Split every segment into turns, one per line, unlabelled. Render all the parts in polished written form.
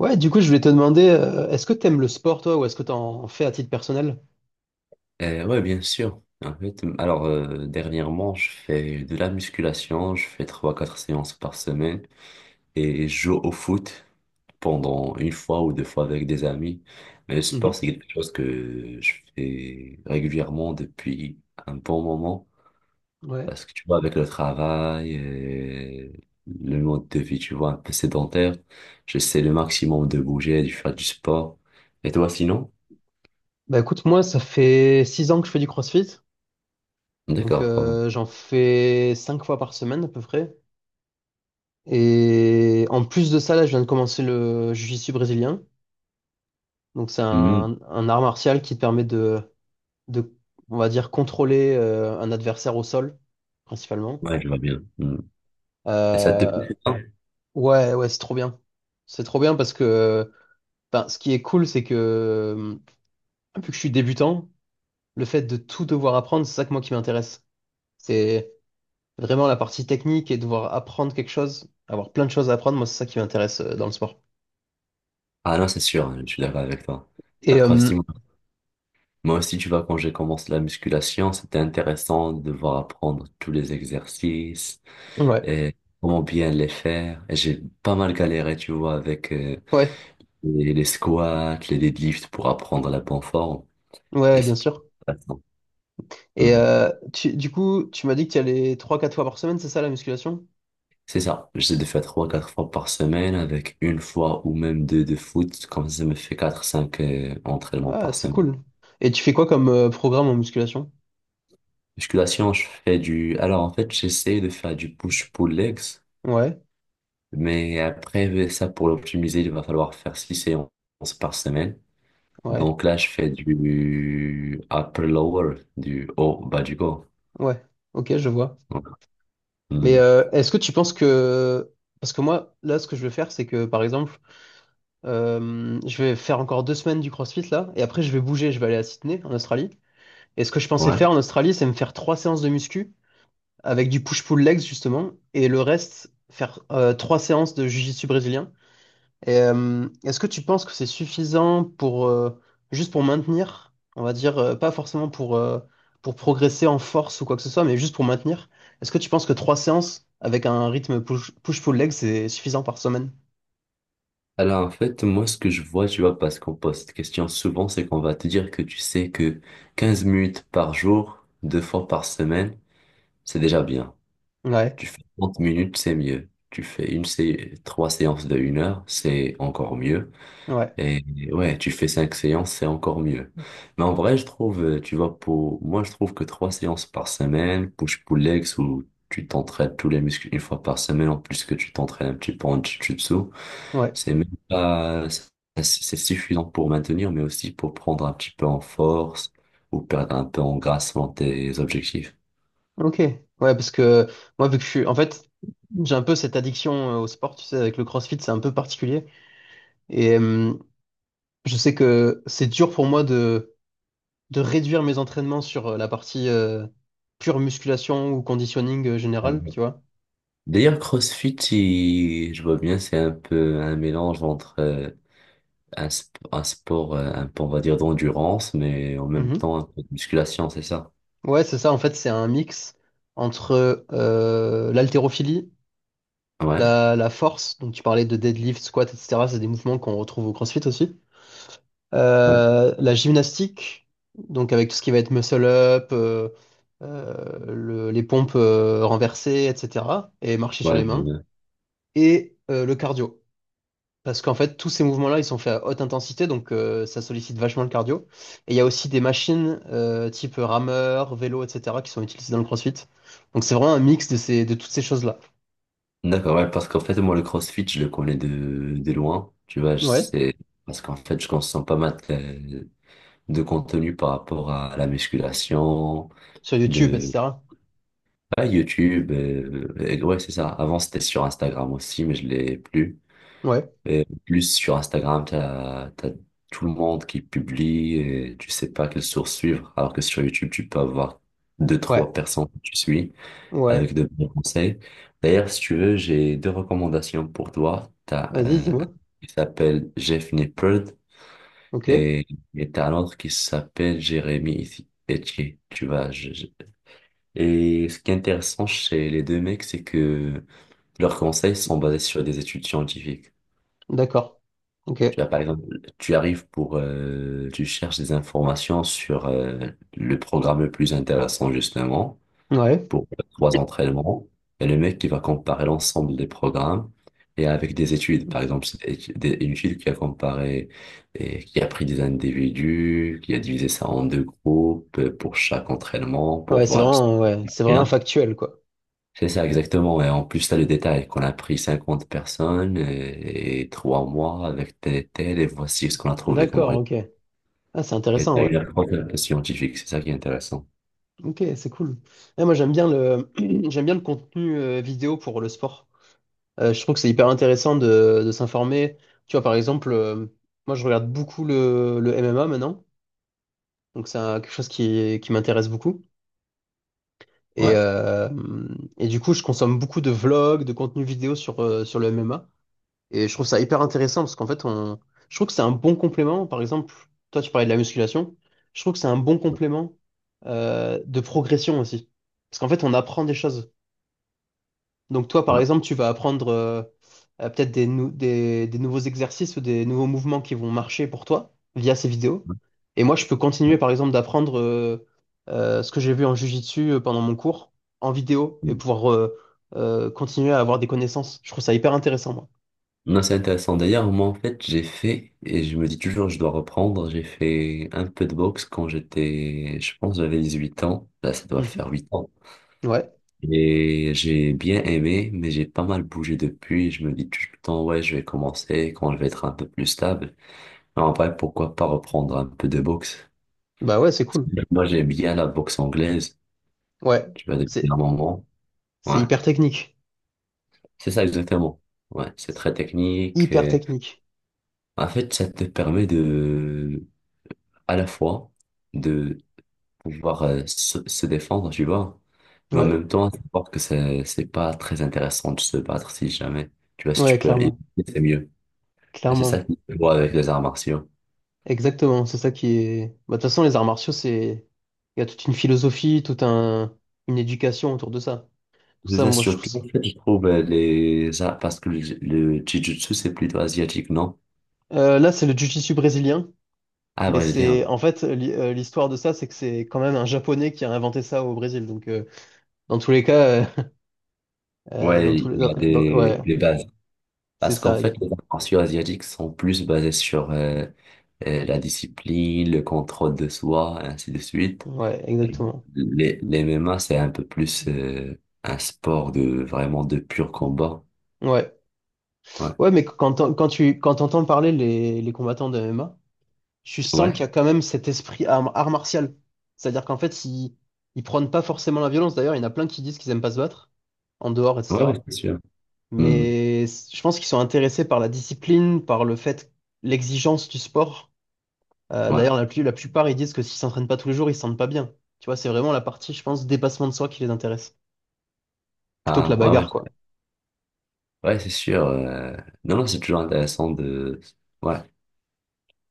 Ouais, du coup, je voulais te demander, est-ce que t'aimes le sport, toi, ou est-ce que t'en fais à titre personnel?
Ouais, bien sûr. En fait, alors dernièrement, je fais de la musculation, je fais trois quatre séances par semaine et je joue au foot pendant une fois ou deux fois avec des amis. Mais le sport,
Mhm.
c'est quelque chose que je fais régulièrement depuis un bon moment
Ouais.
parce que tu vois, avec le travail, et le mode de vie, tu vois, un peu sédentaire, j'essaie le maximum de bouger, de faire du sport. Et toi, sinon?
Bah écoute, moi, ça fait 6 ans que je fais du CrossFit, donc
D'accord. Pas mal.
j'en fais 5 fois par semaine à peu près. Et en plus de ça, là, je viens de commencer le jiu-jitsu brésilien, donc c'est
Mhm.
un art martial qui te permet de, on va dire, contrôler un adversaire au sol, principalement.
Ouais, je vois bien. Mhm. Et ça te plaît?
Euh,
Ça
ouais, ouais, c'est trop bien. C'est trop bien parce que, ben, ce qui est cool, c'est que vu que je suis débutant, le fait de tout devoir apprendre, c'est ça que moi qui m'intéresse. C'est vraiment la partie technique et devoir apprendre quelque chose, avoir plein de choses à apprendre, moi c'est ça qui m'intéresse dans le sport.
Ah non, c'est sûr, je suis d'accord avec toi.
Et
Après aussi, moi aussi, tu vois, quand j'ai commencé la musculation, c'était intéressant de voir apprendre tous les exercices
ouais,
et comment bien les faire. Et j'ai pas mal galéré, tu vois, avec
ouais,
les squats, les deadlifts pour apprendre la bonne forme.
ouais,
Et
ouais, bien
c'est
sûr.
intéressant.
Et
Mhm.
du coup, tu m'as dit que tu y allais 3, 4 fois par semaine, c'est ça la musculation?
C'est ça, j'essaie de faire trois, quatre fois par semaine avec une fois ou même deux de foot, comme ça ça me fait quatre, cinq entraînements
Ah,
par
c'est
semaine.
cool. Et tu fais quoi comme programme en musculation?
Musculation, je fais Alors, en fait, j'essaie de faire du push-pull legs,
Ouais,
mais après, ça, pour l'optimiser, il va falloir faire six séances par semaine.
ouais,
Donc là, je fais du upper-lower, du haut, bas du corps.
ouais. Ok, je vois.
Donc,
Mais
hmm,
est-ce que tu penses que... Parce que moi, là, ce que je veux faire, c'est que, par exemple, je vais faire encore 2 semaines du CrossFit là, et après je vais bouger, je vais aller à Sydney, en Australie. Et ce que je pensais
ouais.
faire en Australie, c'est me faire trois séances de muscu avec du push-pull legs justement, et le reste faire trois séances de jiu-jitsu brésilien. Et, est-ce que tu penses que c'est suffisant pour juste pour maintenir, on va dire, pas forcément pour progresser en force ou quoi que ce soit, mais juste pour maintenir? Est-ce que tu penses que trois séances avec un rythme push-pull legs c'est suffisant par semaine?
Alors, en fait, moi, ce que je vois, tu vois, parce qu'on pose cette question souvent, c'est qu'on va te dire que tu sais que 15 minutes par jour, deux fois par semaine, c'est déjà bien.
Ouais,
Tu fais 30 minutes, c'est mieux. Tu fais une sé trois séances de 1 heure, c'est encore mieux.
ouais,
Et ouais, tu fais cinq séances, c'est encore mieux. Mais en vrai, je trouve, tu vois, pour moi, je trouve que trois séances par semaine, push-pull legs, où tu t'entraînes tous les muscles une fois par semaine, en plus que tu t'entraînes un petit peu en jiu-jitsu,
ouais.
c'est même pas, c'est suffisant pour maintenir, mais aussi pour prendre un petit peu en force ou perdre un peu en grâce dans tes objectifs.
Ok, ouais, parce que moi, vu que je suis, en fait, j'ai un peu cette addiction au sport, tu sais, avec le CrossFit, c'est un peu particulier. Et je sais que c'est dur pour moi de réduire mes entraînements sur la partie pure musculation ou conditioning
Alors,
général, tu vois.
d'ailleurs, CrossFit, je vois bien, c'est un peu un mélange entre un sport, un peu, on va dire, d'endurance, mais en même
Mhm.
temps un peu de musculation, c'est ça?
Ouais, c'est ça, en fait, c'est un mix entre l'haltérophilie,
Ouais,
la force, donc tu parlais de deadlift, squat, etc., c'est des mouvements qu'on retrouve au CrossFit aussi.
ouais,
La gymnastique, donc avec tout ce qui va être muscle up, euh, les pompes renversées, etc. Et marcher sur
ouais,
les
je vois
mains.
bien.
Et le cardio. Parce qu'en fait, tous ces mouvements-là, ils sont faits à haute intensité, donc ça sollicite vachement le cardio. Et il y a aussi des machines type rameur, vélo, etc. qui sont utilisées dans le CrossFit. Donc c'est vraiment un mix de ces, de toutes ces choses-là.
D'accord, ouais, parce qu'en fait, moi, le CrossFit, je le connais de loin, tu vois, je
Ouais,
sais, parce qu'en fait, je consomme pas mal de contenu par rapport à la musculation.
sur YouTube, etc.
Ah, YouTube, ouais, c'est ça. Avant, c'était sur Instagram aussi, mais je l'ai plus.
Ouais,
Et plus sur Instagram, t'as tout le monde qui publie et tu sais pas quelle source suivre. Alors que sur YouTube, tu peux avoir deux, trois
ouais,
personnes que tu suis
ouais.
avec de bons conseils. D'ailleurs, si tu veux, j'ai deux recommandations pour toi. T'as
Vas-y,
un
dis-moi.
qui s'appelle Jeff Nippard
Ok,
et, et t'as un autre qui s'appelle Jérémy Etier. Tu vois, et ce qui est intéressant chez les deux mecs, c'est que leurs conseils sont basés sur des études scientifiques.
d'accord. Ok,
Tu vois, par exemple, tu arrives pour, tu cherches des informations sur le programme le plus intéressant justement
ouais.
pour trois entraînements. Et le mec qui va comparer l'ensemble des programmes et avec des études. Par exemple, une étude qui a comparé et qui a pris des individus, qui a divisé ça en deux groupes pour chaque entraînement pour voir si
Ouais,
c'est
c'est vraiment
bien.
factuel, quoi.
C'est ça, exactement. Et en plus, t'as le détail qu'on a pris 50 personnes et 3 mois avec tel et tel, et voici ce qu'on a trouvé comme
D'accord, ok.
résultat.
Ah, c'est
Et
intéressant,
t'as
ouais.
une approche un peu scientifique, c'est ça qui est intéressant.
Ok, c'est cool. Ouais, moi, j'aime bien le contenu vidéo pour le sport. Je trouve que c'est hyper intéressant de s'informer. Tu vois, par exemple, moi, je regarde beaucoup le MMA maintenant. Donc, c'est quelque chose qui m'intéresse beaucoup. Et,
Ouais.
euh, et du coup, je consomme beaucoup de vlogs, de contenu vidéo sur le MMA. Et je trouve ça hyper intéressant parce qu'en fait, je trouve que c'est un bon complément. Par exemple, toi, tu parlais de la musculation. Je trouve que c'est un bon complément de progression aussi. Parce qu'en fait, on apprend des choses. Donc, toi, par
Ouais.
exemple, tu vas apprendre peut-être des nouveaux exercices ou des nouveaux mouvements qui vont marcher pour toi via ces vidéos. Et moi, je peux continuer, par exemple, d'apprendre ce que j'ai vu en jiu-jitsu pendant mon cours en vidéo et pouvoir continuer à avoir des connaissances. Je trouve ça hyper intéressant, moi.
Non, c'est intéressant. D'ailleurs, moi, en fait, j'ai fait, et je me dis toujours, je dois reprendre, j'ai fait un peu de boxe quand j'étais, je pense, j'avais 18 ans. Là, ça doit
Mhm.
faire 8 ans.
Ouais.
Et j'ai bien aimé, mais j'ai pas mal bougé depuis. Je me dis tout le temps, ouais, je vais commencer quand je vais être un peu plus stable. En vrai, pourquoi pas reprendre un peu de boxe?
Bah ouais, c'est
Parce que
cool.
moi, j'aime bien la boxe anglaise,
Ouais,
tu vois, depuis un
c'est
moment.
c'est
Ouais,
hyper technique.
c'est ça exactement. Ouais, c'est très technique.
Hyper technique.
En fait, ça te permet de, à la fois, de pouvoir se défendre, tu vois, mais en
Ouais,
même temps, savoir que c'est pas très intéressant de se battre si jamais. Tu vois, si tu
ouais,
peux éviter,
clairement.
c'est mieux. Et c'est ça
Clairement.
qui se voit avec les arts martiaux.
Exactement, c'est ça qui est... Bah, de toute façon, les arts martiaux, c'est... Il y a toute une philosophie, une éducation autour de ça. Tout ça,
Là,
moi, je trouve
surtout,
ça...
en fait, je trouve les... Ah, parce que le jiu-jitsu, c'est plutôt asiatique, non?
Là, c'est le jiu-jitsu brésilien,
Ah,
mais
brésilien.
c'est... En fait, l'histoire de ça, c'est que c'est quand même un Japonais qui a inventé ça au Brésil. Donc, dans tous les cas, euh, dans
Ouais,
tous
il
les... dans-
y a
dans-
des,
Ouais,
des bases.
c'est
Parce qu'en
ça.
fait, les arts martiaux asiatiques sont plus basés sur la discipline, le contrôle de soi, ainsi de suite.
Ouais, exactement.
Les MMA, c'est un peu plus un sport de vraiment de pur combat.
Ouais.
Ouais,
Ouais, mais quand t'entends parler les combattants de MMA, tu sens qu'il
ouais,
y a quand même cet esprit art martial. C'est-à-dire qu'en fait, ils prônent pas forcément la violence. D'ailleurs, il y en a plein qui disent qu'ils aiment pas se battre, en dehors,
ouais, ouais,
etc.
c'est sûr. Hmm.
Mais je pense qu'ils sont intéressés par la discipline, par le fait, l'exigence du sport. D'ailleurs,
Ouais,
la plupart, ils disent que s'ils s'entraînent pas tous les jours, ils se sentent pas bien. Tu vois, c'est vraiment la partie, je pense, dépassement de soi qui les intéresse, plutôt que la
ah, ouais, ouais,
bagarre, quoi.
ouais, c'est sûr. Non, non, c'est toujours intéressant de... Ouais.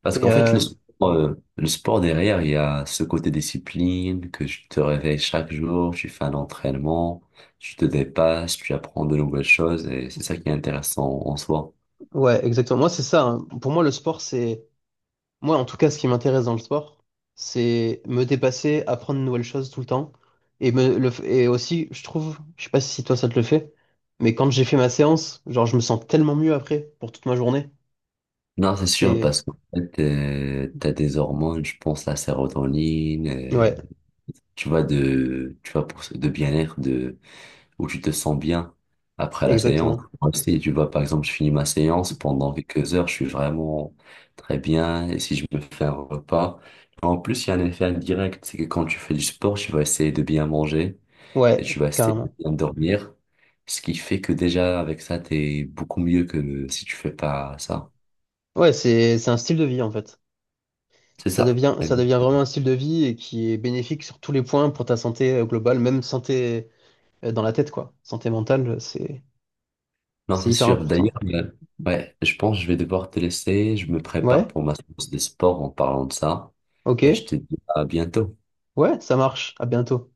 Parce
Et
qu'en fait, le sport derrière, il y a ce côté discipline, que tu te réveilles chaque jour, tu fais un entraînement, tu te dépasses, tu apprends de nouvelles choses, et c'est ça qui est intéressant en soi.
ouais, exactement. Moi, c'est ça, hein. Pour moi, le sport, c'est... Moi, en tout cas, ce qui m'intéresse dans le sport, c'est me dépasser, apprendre de nouvelles choses tout le temps. Et aussi, je trouve, je sais pas si toi ça te le fait, mais quand j'ai fait ma séance, genre, je me sens tellement mieux après pour toute ma journée.
Non, c'est sûr,
C'est.
parce qu'en fait, t'as des hormones, je pense, la sérotonine,
Ouais,
tu vois, de, tu vois, pour, de bien-être, de, où tu te sens bien après la séance.
exactement.
Moi aussi, tu vois, par exemple, je finis ma séance pendant quelques heures, je suis vraiment très bien. Et si je me fais un repas, en plus, il y a un effet indirect, c'est que quand tu fais du sport, tu vas essayer de bien manger et tu
Ouais,
vas essayer de
carrément.
bien dormir. Ce qui fait que déjà, avec ça, t'es beaucoup mieux que si tu fais pas ça.
Ouais, c'est un style de vie en fait.
C'est
Ça
ça.
devient, ça devient vraiment un style de vie et qui est bénéfique sur tous les points pour ta santé globale, même santé dans la tête, quoi. Santé mentale, c'est,
Non,
c'est
c'est
hyper
sûr. D'ailleurs,
important.
ouais, je pense que je vais devoir te laisser. Je me prépare
Ouais,
pour ma séance de sport en parlant de ça.
ok.
Et je te dis à bientôt.
Ouais, ça marche. À bientôt.